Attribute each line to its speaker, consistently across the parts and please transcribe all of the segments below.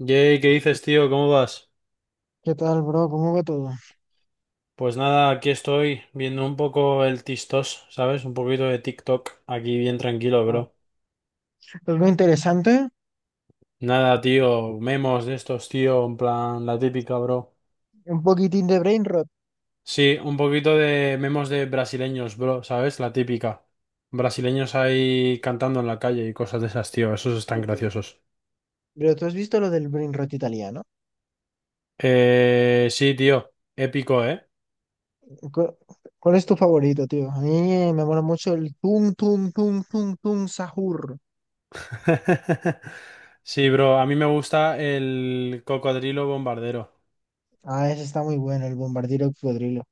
Speaker 1: Jay, ¿qué dices, tío? ¿Cómo vas?
Speaker 2: ¿Qué tal, bro? ¿Cómo va todo?
Speaker 1: Pues nada, aquí estoy viendo un poco el TikTok, ¿sabes? Un poquito de TikTok, aquí bien tranquilo,
Speaker 2: Ah,
Speaker 1: bro.
Speaker 2: algo interesante,
Speaker 1: Nada, tío, memos de estos, tío, en plan, la típica, bro.
Speaker 2: un poquitín de brain rot,
Speaker 1: Sí, un poquito de memos de brasileños, bro, ¿sabes? La típica. Brasileños ahí cantando en la calle y cosas de esas, tío, esos
Speaker 2: yo
Speaker 1: están
Speaker 2: creo.
Speaker 1: graciosos.
Speaker 2: Pero ¿tú has visto lo del brain rot italiano?
Speaker 1: Sí, tío, épico, ¿eh?
Speaker 2: ¿Cu- ¿Cuál es tu favorito, tío? A mí me mola mucho el tum tum tum tum tum sahur.
Speaker 1: Sí, bro, a mí me gusta el cocodrilo bombardero.
Speaker 2: Ah, ese está muy bueno, el bombardiro cocodrilo.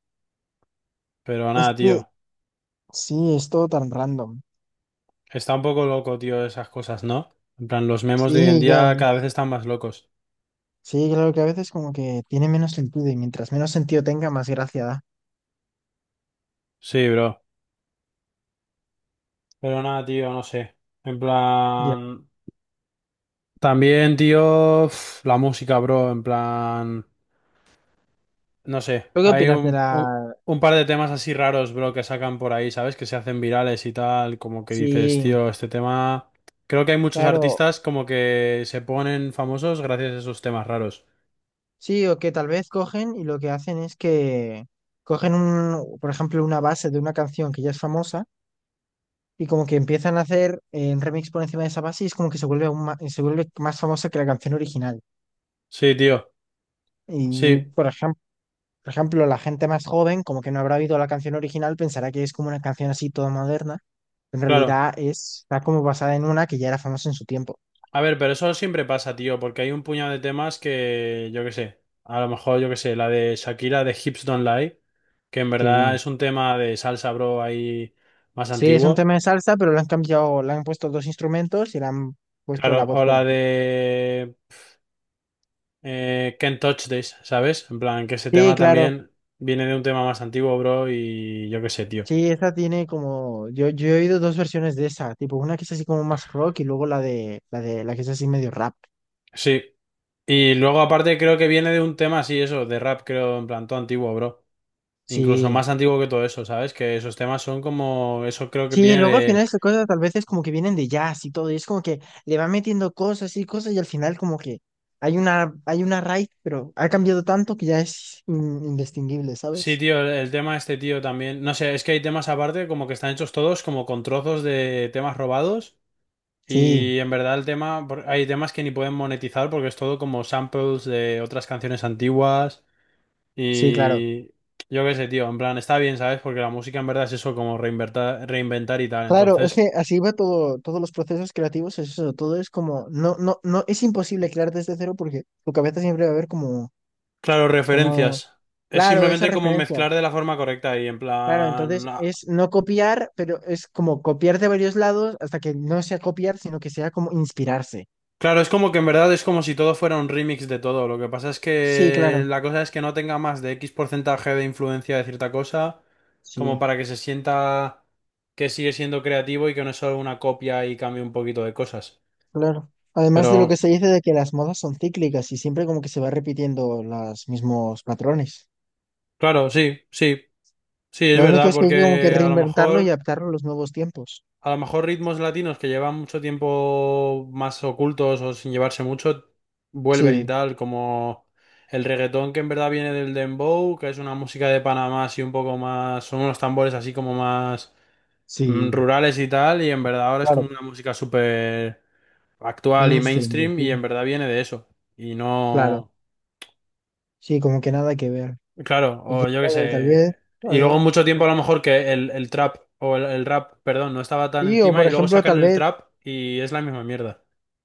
Speaker 1: Pero
Speaker 2: Es
Speaker 1: nada,
Speaker 2: que
Speaker 1: tío.
Speaker 2: sí, es todo tan random.
Speaker 1: Está un poco loco, tío, esas cosas, ¿no? En plan, los memes de hoy en
Speaker 2: Sí, ya.
Speaker 1: día cada vez están más locos.
Speaker 2: Sí, claro que a veces como que tiene menos sentido y mientras menos sentido tenga, más gracia da.
Speaker 1: Sí, bro. Pero nada, tío, no sé. En
Speaker 2: Ya.
Speaker 1: plan... También, tío, la música, bro. En plan... No sé.
Speaker 2: ¿Tú qué
Speaker 1: Hay
Speaker 2: opinas de la...?
Speaker 1: un par de temas así raros, bro, que sacan por ahí, ¿sabes? Que se hacen virales y tal. Como que dices,
Speaker 2: Sí,
Speaker 1: tío, este tema... Creo que hay muchos
Speaker 2: claro.
Speaker 1: artistas como que se ponen famosos gracias a esos temas raros.
Speaker 2: Sí, o que tal vez cogen y lo que hacen es que cogen un, por ejemplo, una base de una canción que ya es famosa y como que empiezan a hacer un remix por encima de esa base y es como que se vuelve se vuelve más famosa que la canción original.
Speaker 1: Sí, tío.
Speaker 2: Y
Speaker 1: Sí,
Speaker 2: por ejemplo, la gente más joven, como que no habrá oído la canción original, pensará que es como una canción así toda moderna. En
Speaker 1: claro.
Speaker 2: realidad es, está como basada en una que ya era famosa en su tiempo.
Speaker 1: A ver, pero eso siempre pasa, tío, porque hay un puñado de temas que, yo qué sé, a lo mejor, yo qué sé, la de Shakira de Hips Don't Lie, que en verdad
Speaker 2: Sí.
Speaker 1: es un tema de salsa, bro, ahí más
Speaker 2: Sí, es un
Speaker 1: antiguo.
Speaker 2: tema de salsa, pero le han cambiado, le han puesto dos instrumentos y le han puesto la
Speaker 1: Claro,
Speaker 2: voz
Speaker 1: o
Speaker 2: por
Speaker 1: la
Speaker 2: encima.
Speaker 1: de Can't Touch This, ¿sabes? En plan, que ese
Speaker 2: Sí,
Speaker 1: tema
Speaker 2: claro.
Speaker 1: también viene de un tema más antiguo, bro, y yo qué sé, tío.
Speaker 2: Sí, esta tiene como, yo he oído dos versiones de esa, tipo una que es así como más rock y luego la que es así medio rap.
Speaker 1: Sí, y luego aparte creo que viene de un tema así, eso, de rap, creo, en plan, todo antiguo, bro. Incluso
Speaker 2: Sí,
Speaker 1: más antiguo que todo eso, ¿sabes? Que esos temas son como, eso creo que
Speaker 2: sí,
Speaker 1: viene
Speaker 2: luego al final
Speaker 1: de...
Speaker 2: esas cosas tal vez es como que vienen de jazz y todo, y es como que le va metiendo cosas y cosas y al final como que hay una raíz, pero ha cambiado tanto que ya es indistinguible,
Speaker 1: Sí,
Speaker 2: ¿sabes?
Speaker 1: tío, el tema este tío también. No sé, es que hay temas aparte como que están hechos todos como con trozos de temas robados
Speaker 2: Sí,
Speaker 1: y en verdad el tema, hay temas que ni pueden monetizar porque es todo como samples de otras canciones antiguas
Speaker 2: sí, claro.
Speaker 1: y yo qué sé, tío, en plan, está bien, ¿sabes? Porque la música en verdad es eso como reinventar, reinventar y tal.
Speaker 2: Claro, es
Speaker 1: Entonces,
Speaker 2: que así va todo, todos los procesos creativos, es eso, todo es como, no, no, no, es imposible crear desde cero porque tu cabeza siempre va a ver como...
Speaker 1: claro,
Speaker 2: como
Speaker 1: referencias. Es
Speaker 2: claro, esas
Speaker 1: simplemente como
Speaker 2: referencias.
Speaker 1: mezclar de la forma correcta y en
Speaker 2: Claro,
Speaker 1: plan,
Speaker 2: entonces es no copiar, pero es como copiar de varios lados hasta que no sea copiar, sino que sea como inspirarse.
Speaker 1: claro, es como que en verdad es como si todo fuera un remix de todo. Lo que pasa es
Speaker 2: Sí,
Speaker 1: que
Speaker 2: claro.
Speaker 1: la cosa es que no tenga más de X porcentaje de influencia de cierta cosa, como
Speaker 2: Sí,
Speaker 1: para que se sienta que sigue siendo creativo y que no es solo una copia y cambie un poquito de cosas.
Speaker 2: claro. Además de lo que
Speaker 1: Pero,
Speaker 2: se dice de que las modas son cíclicas y siempre como que se va repitiendo los mismos patrones.
Speaker 1: claro, sí, sí, sí, es
Speaker 2: Lo único
Speaker 1: verdad,
Speaker 2: es que hay que como que
Speaker 1: porque a lo
Speaker 2: reinventarlo y
Speaker 1: mejor...
Speaker 2: adaptarlo a los nuevos tiempos.
Speaker 1: A lo mejor ritmos latinos que llevan mucho tiempo más ocultos o sin llevarse mucho, vuelven y
Speaker 2: Sí,
Speaker 1: tal, como el reggaetón que en verdad viene del dembow, que es una música de Panamá así un poco más, son unos tambores así como más
Speaker 2: sí,
Speaker 1: rurales y tal, y en verdad ahora es
Speaker 2: claro.
Speaker 1: como una música súper actual y
Speaker 2: Mainstream, yo
Speaker 1: mainstream y
Speaker 2: digo.
Speaker 1: en verdad viene de eso. Y
Speaker 2: Claro.
Speaker 1: no,
Speaker 2: Sí, como que nada que ver.
Speaker 1: claro,
Speaker 2: Y
Speaker 1: o
Speaker 2: quién
Speaker 1: yo qué
Speaker 2: sabe, tal vez
Speaker 1: sé. Y luego
Speaker 2: algo-
Speaker 1: mucho tiempo a lo mejor que el trap o el rap, perdón, no estaba tan
Speaker 2: sí, o
Speaker 1: encima
Speaker 2: por
Speaker 1: y luego
Speaker 2: ejemplo, tal
Speaker 1: sacan el
Speaker 2: vez.
Speaker 1: trap y es la misma mierda.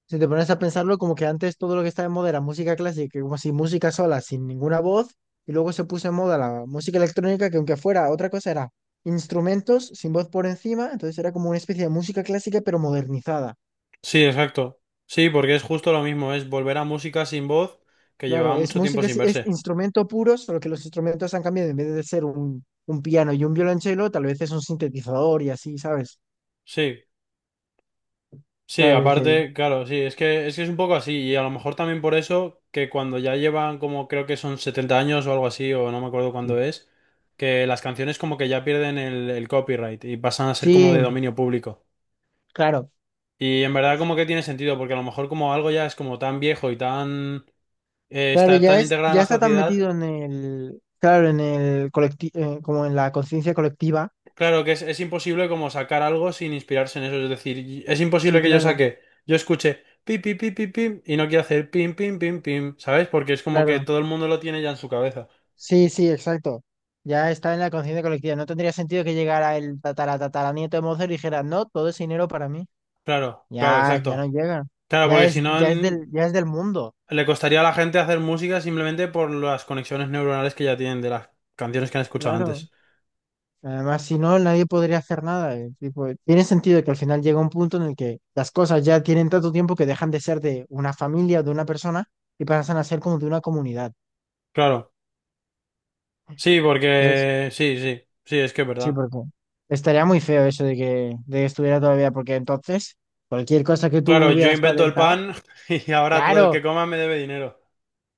Speaker 2: Si te pones a pensarlo, como que antes todo lo que estaba en moda era música clásica, como si música sola, sin ninguna voz, y luego se puso en moda la música electrónica, que aunque fuera otra cosa, era instrumentos sin voz por encima, entonces era como una especie de música clásica, pero modernizada.
Speaker 1: Sí, exacto. Sí, porque es justo lo mismo, es volver a música sin voz que
Speaker 2: Claro,
Speaker 1: llevaba
Speaker 2: es
Speaker 1: mucho tiempo
Speaker 2: música,
Speaker 1: sin
Speaker 2: es
Speaker 1: verse.
Speaker 2: instrumento puro, solo que los instrumentos han cambiado, en vez de ser un piano y un violonchelo, tal vez es un sintetizador y así, ¿sabes?
Speaker 1: Sí, sí,
Speaker 2: Claro, es que
Speaker 1: aparte, claro, sí, es que es un poco así y a lo mejor también por eso que cuando ya llevan como creo que son 70 años o algo así o no me acuerdo
Speaker 2: sí,
Speaker 1: cuándo es, que las canciones como que ya pierden el copyright y pasan a ser como
Speaker 2: sí,
Speaker 1: de dominio público.
Speaker 2: claro.
Speaker 1: Y en verdad como que tiene sentido porque a lo mejor como algo ya es como tan viejo y tan
Speaker 2: Claro,
Speaker 1: está
Speaker 2: ya
Speaker 1: tan
Speaker 2: es,
Speaker 1: integrado en
Speaker 2: ya
Speaker 1: la
Speaker 2: está tan
Speaker 1: sociedad.
Speaker 2: metido en el, claro, en el colectivo, como en la conciencia colectiva.
Speaker 1: Claro que es imposible como sacar algo sin inspirarse en eso. Es decir, es
Speaker 2: Sí,
Speaker 1: imposible que yo
Speaker 2: claro,
Speaker 1: saque, yo escuche pim, pim, pim, pim, pim y no quiera hacer pim, pim, pim, pim, ¿sabes? Porque es como que
Speaker 2: claro.
Speaker 1: todo el mundo lo tiene ya en su cabeza.
Speaker 2: Sí, sí, exacto. Ya está en la conciencia colectiva. No tendría sentido que llegara el tatara tataranieto de Mozart y dijera, no, todo ese dinero para mí.
Speaker 1: Claro, claro,
Speaker 2: Ya, ya no
Speaker 1: exacto.
Speaker 2: llega.
Speaker 1: Claro, porque si no
Speaker 2: Ya es del mundo.
Speaker 1: le costaría a la gente hacer música simplemente por las conexiones neuronales que ya tienen de las canciones que han escuchado
Speaker 2: Claro.
Speaker 1: antes.
Speaker 2: Además, si no, nadie podría hacer nada. Tipo, tiene sentido que al final llega un punto en el que las cosas ya tienen tanto tiempo que dejan de ser de una familia o de una persona y pasan a ser como de una comunidad.
Speaker 1: Claro, sí,
Speaker 2: Entonces,
Speaker 1: porque sí, sí, sí, es que es
Speaker 2: sí,
Speaker 1: verdad.
Speaker 2: porque estaría muy feo eso de que estuviera todavía, porque entonces cualquier cosa que tú
Speaker 1: Claro, yo
Speaker 2: hubieras
Speaker 1: invento el
Speaker 2: patentado,
Speaker 1: pan y ahora todo el
Speaker 2: claro,
Speaker 1: que coma me debe dinero.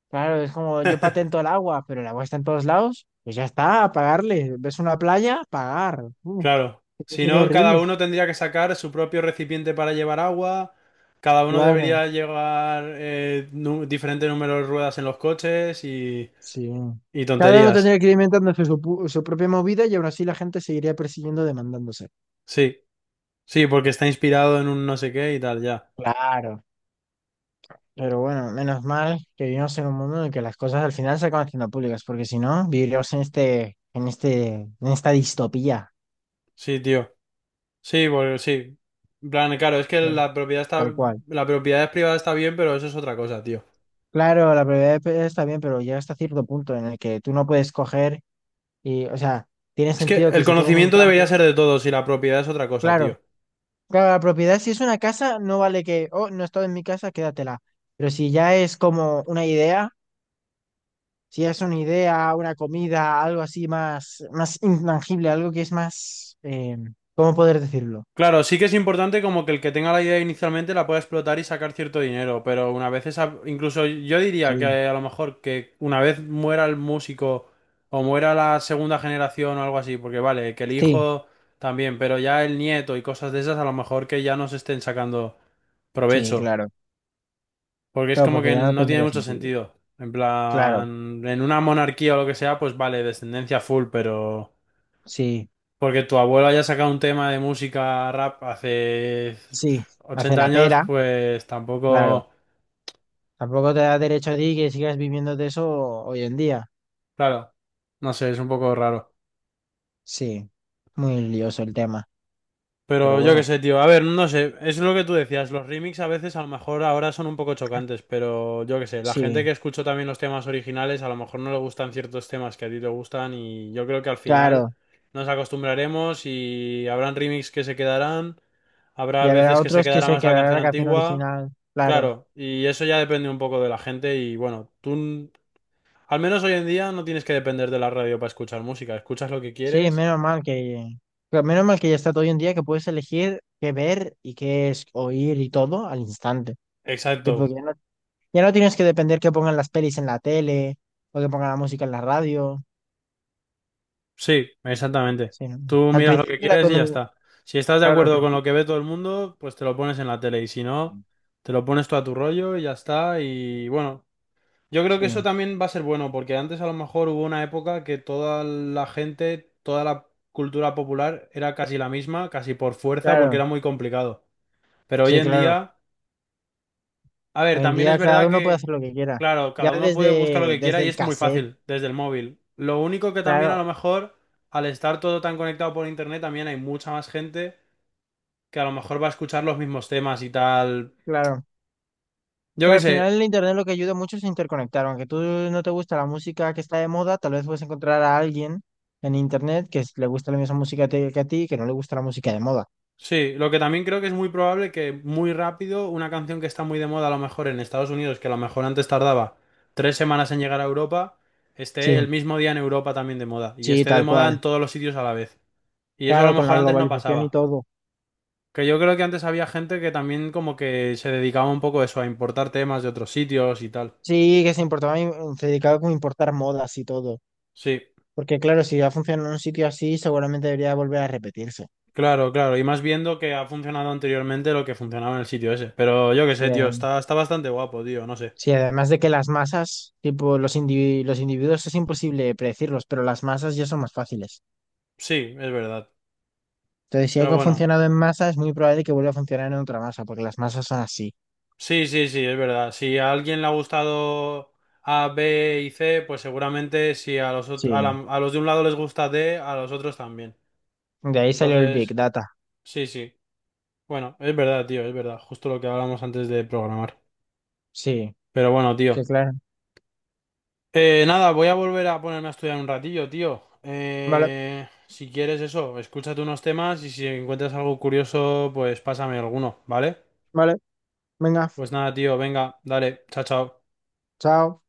Speaker 2: claro, es como yo patento el agua, pero el agua está en todos lados, pues ya está, a pagarle. ¿Ves una playa? Pagar.
Speaker 1: Claro,
Speaker 2: Eso
Speaker 1: si
Speaker 2: sería
Speaker 1: no, cada
Speaker 2: horrible.
Speaker 1: uno tendría que sacar su propio recipiente para llevar agua, cada uno
Speaker 2: Claro,
Speaker 1: debería llevar diferente número de ruedas en los coches
Speaker 2: sí.
Speaker 1: y
Speaker 2: Cada uno
Speaker 1: tonterías.
Speaker 2: tendría que ir inventándose su, su propia movida y aún así la gente seguiría persiguiendo demandándose.
Speaker 1: Sí, sí, porque está inspirado en un no sé qué y tal, ya.
Speaker 2: Claro. Pero bueno, menos mal que vivimos en un mundo en el que las cosas al final se acaban haciendo públicas, porque si no, viviríamos en esta distopía,
Speaker 1: Sí, tío. Sí, porque sí. En plan, claro, es que
Speaker 2: ¿eh?
Speaker 1: la propiedad
Speaker 2: Tal
Speaker 1: está,
Speaker 2: cual.
Speaker 1: la propiedad privada está bien, pero eso es otra cosa, tío.
Speaker 2: Claro, la prioridad está bien, pero llega hasta cierto punto en el que tú no puedes coger y, o sea, tiene
Speaker 1: Es que
Speaker 2: sentido que
Speaker 1: el
Speaker 2: si tienes un
Speaker 1: conocimiento debería
Speaker 2: campo,
Speaker 1: ser de todos y la propiedad es otra cosa,
Speaker 2: claro,
Speaker 1: tío.
Speaker 2: claro, la propiedad si es una casa, no vale que, oh, no he estado en mi casa, quédatela. Pero si ya es como una idea, si es una idea, una comida, algo así más, más intangible, algo que es más, ¿cómo poder decirlo?
Speaker 1: Claro, sí que es importante como que el que tenga la idea inicialmente la pueda explotar y sacar cierto dinero, pero una vez esa, incluso yo diría que
Speaker 2: Sí,
Speaker 1: a lo mejor que una vez muera el músico o muera la segunda generación o algo así, porque vale, que el
Speaker 2: sí,
Speaker 1: hijo también, pero ya el nieto y cosas de esas a lo mejor que ya no se estén sacando
Speaker 2: sí,
Speaker 1: provecho,
Speaker 2: claro.
Speaker 1: porque es
Speaker 2: Claro,
Speaker 1: como
Speaker 2: porque
Speaker 1: que
Speaker 2: ya no
Speaker 1: no tiene
Speaker 2: tendría
Speaker 1: mucho
Speaker 2: sentido.
Speaker 1: sentido. En
Speaker 2: Claro,
Speaker 1: plan, en una monarquía o lo que sea, pues vale, descendencia full, pero...
Speaker 2: sí,
Speaker 1: Porque tu abuelo haya sacado un tema de música rap hace
Speaker 2: sí. Hace
Speaker 1: 80
Speaker 2: la
Speaker 1: años,
Speaker 2: pera,
Speaker 1: pues
Speaker 2: claro.
Speaker 1: tampoco,
Speaker 2: Tampoco te da derecho a ti que sigas viviendo de eso hoy en día.
Speaker 1: claro, no sé, es un poco raro.
Speaker 2: Sí, muy lioso el tema. Pero
Speaker 1: Pero yo qué
Speaker 2: bueno,
Speaker 1: sé, tío. A ver, no sé, es lo que tú decías, los remix a veces a lo mejor ahora son un poco chocantes, pero yo qué sé, la gente
Speaker 2: sí,
Speaker 1: que escuchó también los temas originales a lo mejor no le gustan ciertos temas que a ti te gustan y yo creo que al final
Speaker 2: claro.
Speaker 1: nos acostumbraremos y habrán remix que se quedarán,
Speaker 2: Y
Speaker 1: habrá
Speaker 2: habrá
Speaker 1: veces que se
Speaker 2: otros que
Speaker 1: quedará
Speaker 2: se
Speaker 1: más la
Speaker 2: quedarán en
Speaker 1: canción
Speaker 2: la canción
Speaker 1: antigua.
Speaker 2: original, claro.
Speaker 1: Claro, y eso ya depende un poco de la gente y bueno, al menos hoy en día no tienes que depender de la radio para escuchar música, escuchas lo que
Speaker 2: Sí,
Speaker 1: quieres.
Speaker 2: menos mal que, menos mal que ya está todo hoy en día que puedes elegir qué ver y qué es oír y todo al instante. Tipo,
Speaker 1: Exacto.
Speaker 2: ya no, ya no tienes que depender que pongan las pelis en la tele o que pongan la música en la radio.
Speaker 1: Sí, exactamente.
Speaker 2: Sí,
Speaker 1: Tú
Speaker 2: no. Al
Speaker 1: miras lo que
Speaker 2: principio era
Speaker 1: quieres
Speaker 2: con
Speaker 1: y ya
Speaker 2: el,
Speaker 1: está. Si estás de
Speaker 2: claro, al
Speaker 1: acuerdo con
Speaker 2: principio.
Speaker 1: lo que ve todo el mundo, pues te lo pones en la tele y si no, te lo pones tú a tu rollo y ya está. Y bueno, yo creo que eso
Speaker 2: Sí,
Speaker 1: también va a ser bueno porque antes a lo mejor hubo una época que toda la gente, toda la cultura popular era casi la misma, casi por fuerza, porque
Speaker 2: claro,
Speaker 1: era muy complicado. Pero hoy
Speaker 2: sí,
Speaker 1: en
Speaker 2: claro.
Speaker 1: día... A ver,
Speaker 2: Hoy en
Speaker 1: también es
Speaker 2: día cada
Speaker 1: verdad
Speaker 2: uno puede hacer
Speaker 1: que,
Speaker 2: lo que quiera.
Speaker 1: claro,
Speaker 2: Ya
Speaker 1: cada uno puede buscar lo
Speaker 2: desde,
Speaker 1: que
Speaker 2: desde
Speaker 1: quiera y
Speaker 2: el
Speaker 1: es muy
Speaker 2: cassette,
Speaker 1: fácil desde el móvil. Lo único que también a
Speaker 2: claro,
Speaker 1: lo mejor, al estar todo tan conectado por internet, también hay mucha más gente que a lo mejor va a escuchar los mismos temas y tal.
Speaker 2: claro.
Speaker 1: Yo
Speaker 2: Pero
Speaker 1: qué
Speaker 2: al final el
Speaker 1: sé,
Speaker 2: internet lo que ayuda mucho es interconectar. Aunque tú no te gusta la música que está de moda, tal vez puedes encontrar a alguien en internet que le gusta la misma música que a ti y que no le gusta la música de moda.
Speaker 1: sí, lo que también creo que es muy probable que muy rápido una canción que está muy de moda a lo mejor en Estados Unidos, que a lo mejor antes tardaba 3 semanas en llegar a Europa, esté
Speaker 2: Sí,
Speaker 1: el mismo día en Europa también de moda y
Speaker 2: sí,
Speaker 1: esté de
Speaker 2: tal
Speaker 1: moda
Speaker 2: cual.
Speaker 1: en todos los sitios a la vez. Y eso a
Speaker 2: Claro,
Speaker 1: lo
Speaker 2: con la
Speaker 1: mejor antes no
Speaker 2: globalización y
Speaker 1: pasaba.
Speaker 2: todo.
Speaker 1: Que yo creo que antes había gente que también como que se dedicaba un poco a eso, a importar temas de otros sitios y tal.
Speaker 2: Sí, que se importaba, se dedicaba como a importar modas y todo.
Speaker 1: Sí,
Speaker 2: Porque claro, si ya funciona en un sitio así, seguramente debería volver a repetirse.
Speaker 1: claro, claro. Y más viendo que ha funcionado anteriormente lo que funcionaba en el sitio ese. Pero yo qué
Speaker 2: Sí,
Speaker 1: sé, tío, está, está bastante guapo, tío, no sé.
Speaker 2: sí, además de que las masas, tipo los individuos es imposible predecirlos, pero las masas ya son más fáciles.
Speaker 1: Sí, es verdad.
Speaker 2: Entonces, si
Speaker 1: Pero
Speaker 2: algo ha
Speaker 1: bueno,
Speaker 2: funcionado en masa, es muy probable que vuelva a funcionar en otra masa, porque las masas son así.
Speaker 1: sí, sí, sí, es verdad. Si a alguien le ha gustado A, B y C, pues seguramente si a los,
Speaker 2: Sí.
Speaker 1: a los de un lado les gusta D, a los otros también.
Speaker 2: De ahí salió el Big
Speaker 1: Entonces,
Speaker 2: Data.
Speaker 1: sí, sí. Bueno, es verdad, tío, es verdad. Justo lo que hablamos antes de programar.
Speaker 2: Sí,
Speaker 1: Pero bueno,
Speaker 2: que
Speaker 1: tío.
Speaker 2: claro.
Speaker 1: Nada, voy a volver a ponerme a estudiar un ratillo, tío.
Speaker 2: Vale,
Speaker 1: Si quieres eso, escúchate unos temas y si encuentras algo curioso, pues pásame alguno, ¿vale?
Speaker 2: vale, venga,
Speaker 1: Pues nada, tío, venga, dale, chao, chao.
Speaker 2: chao.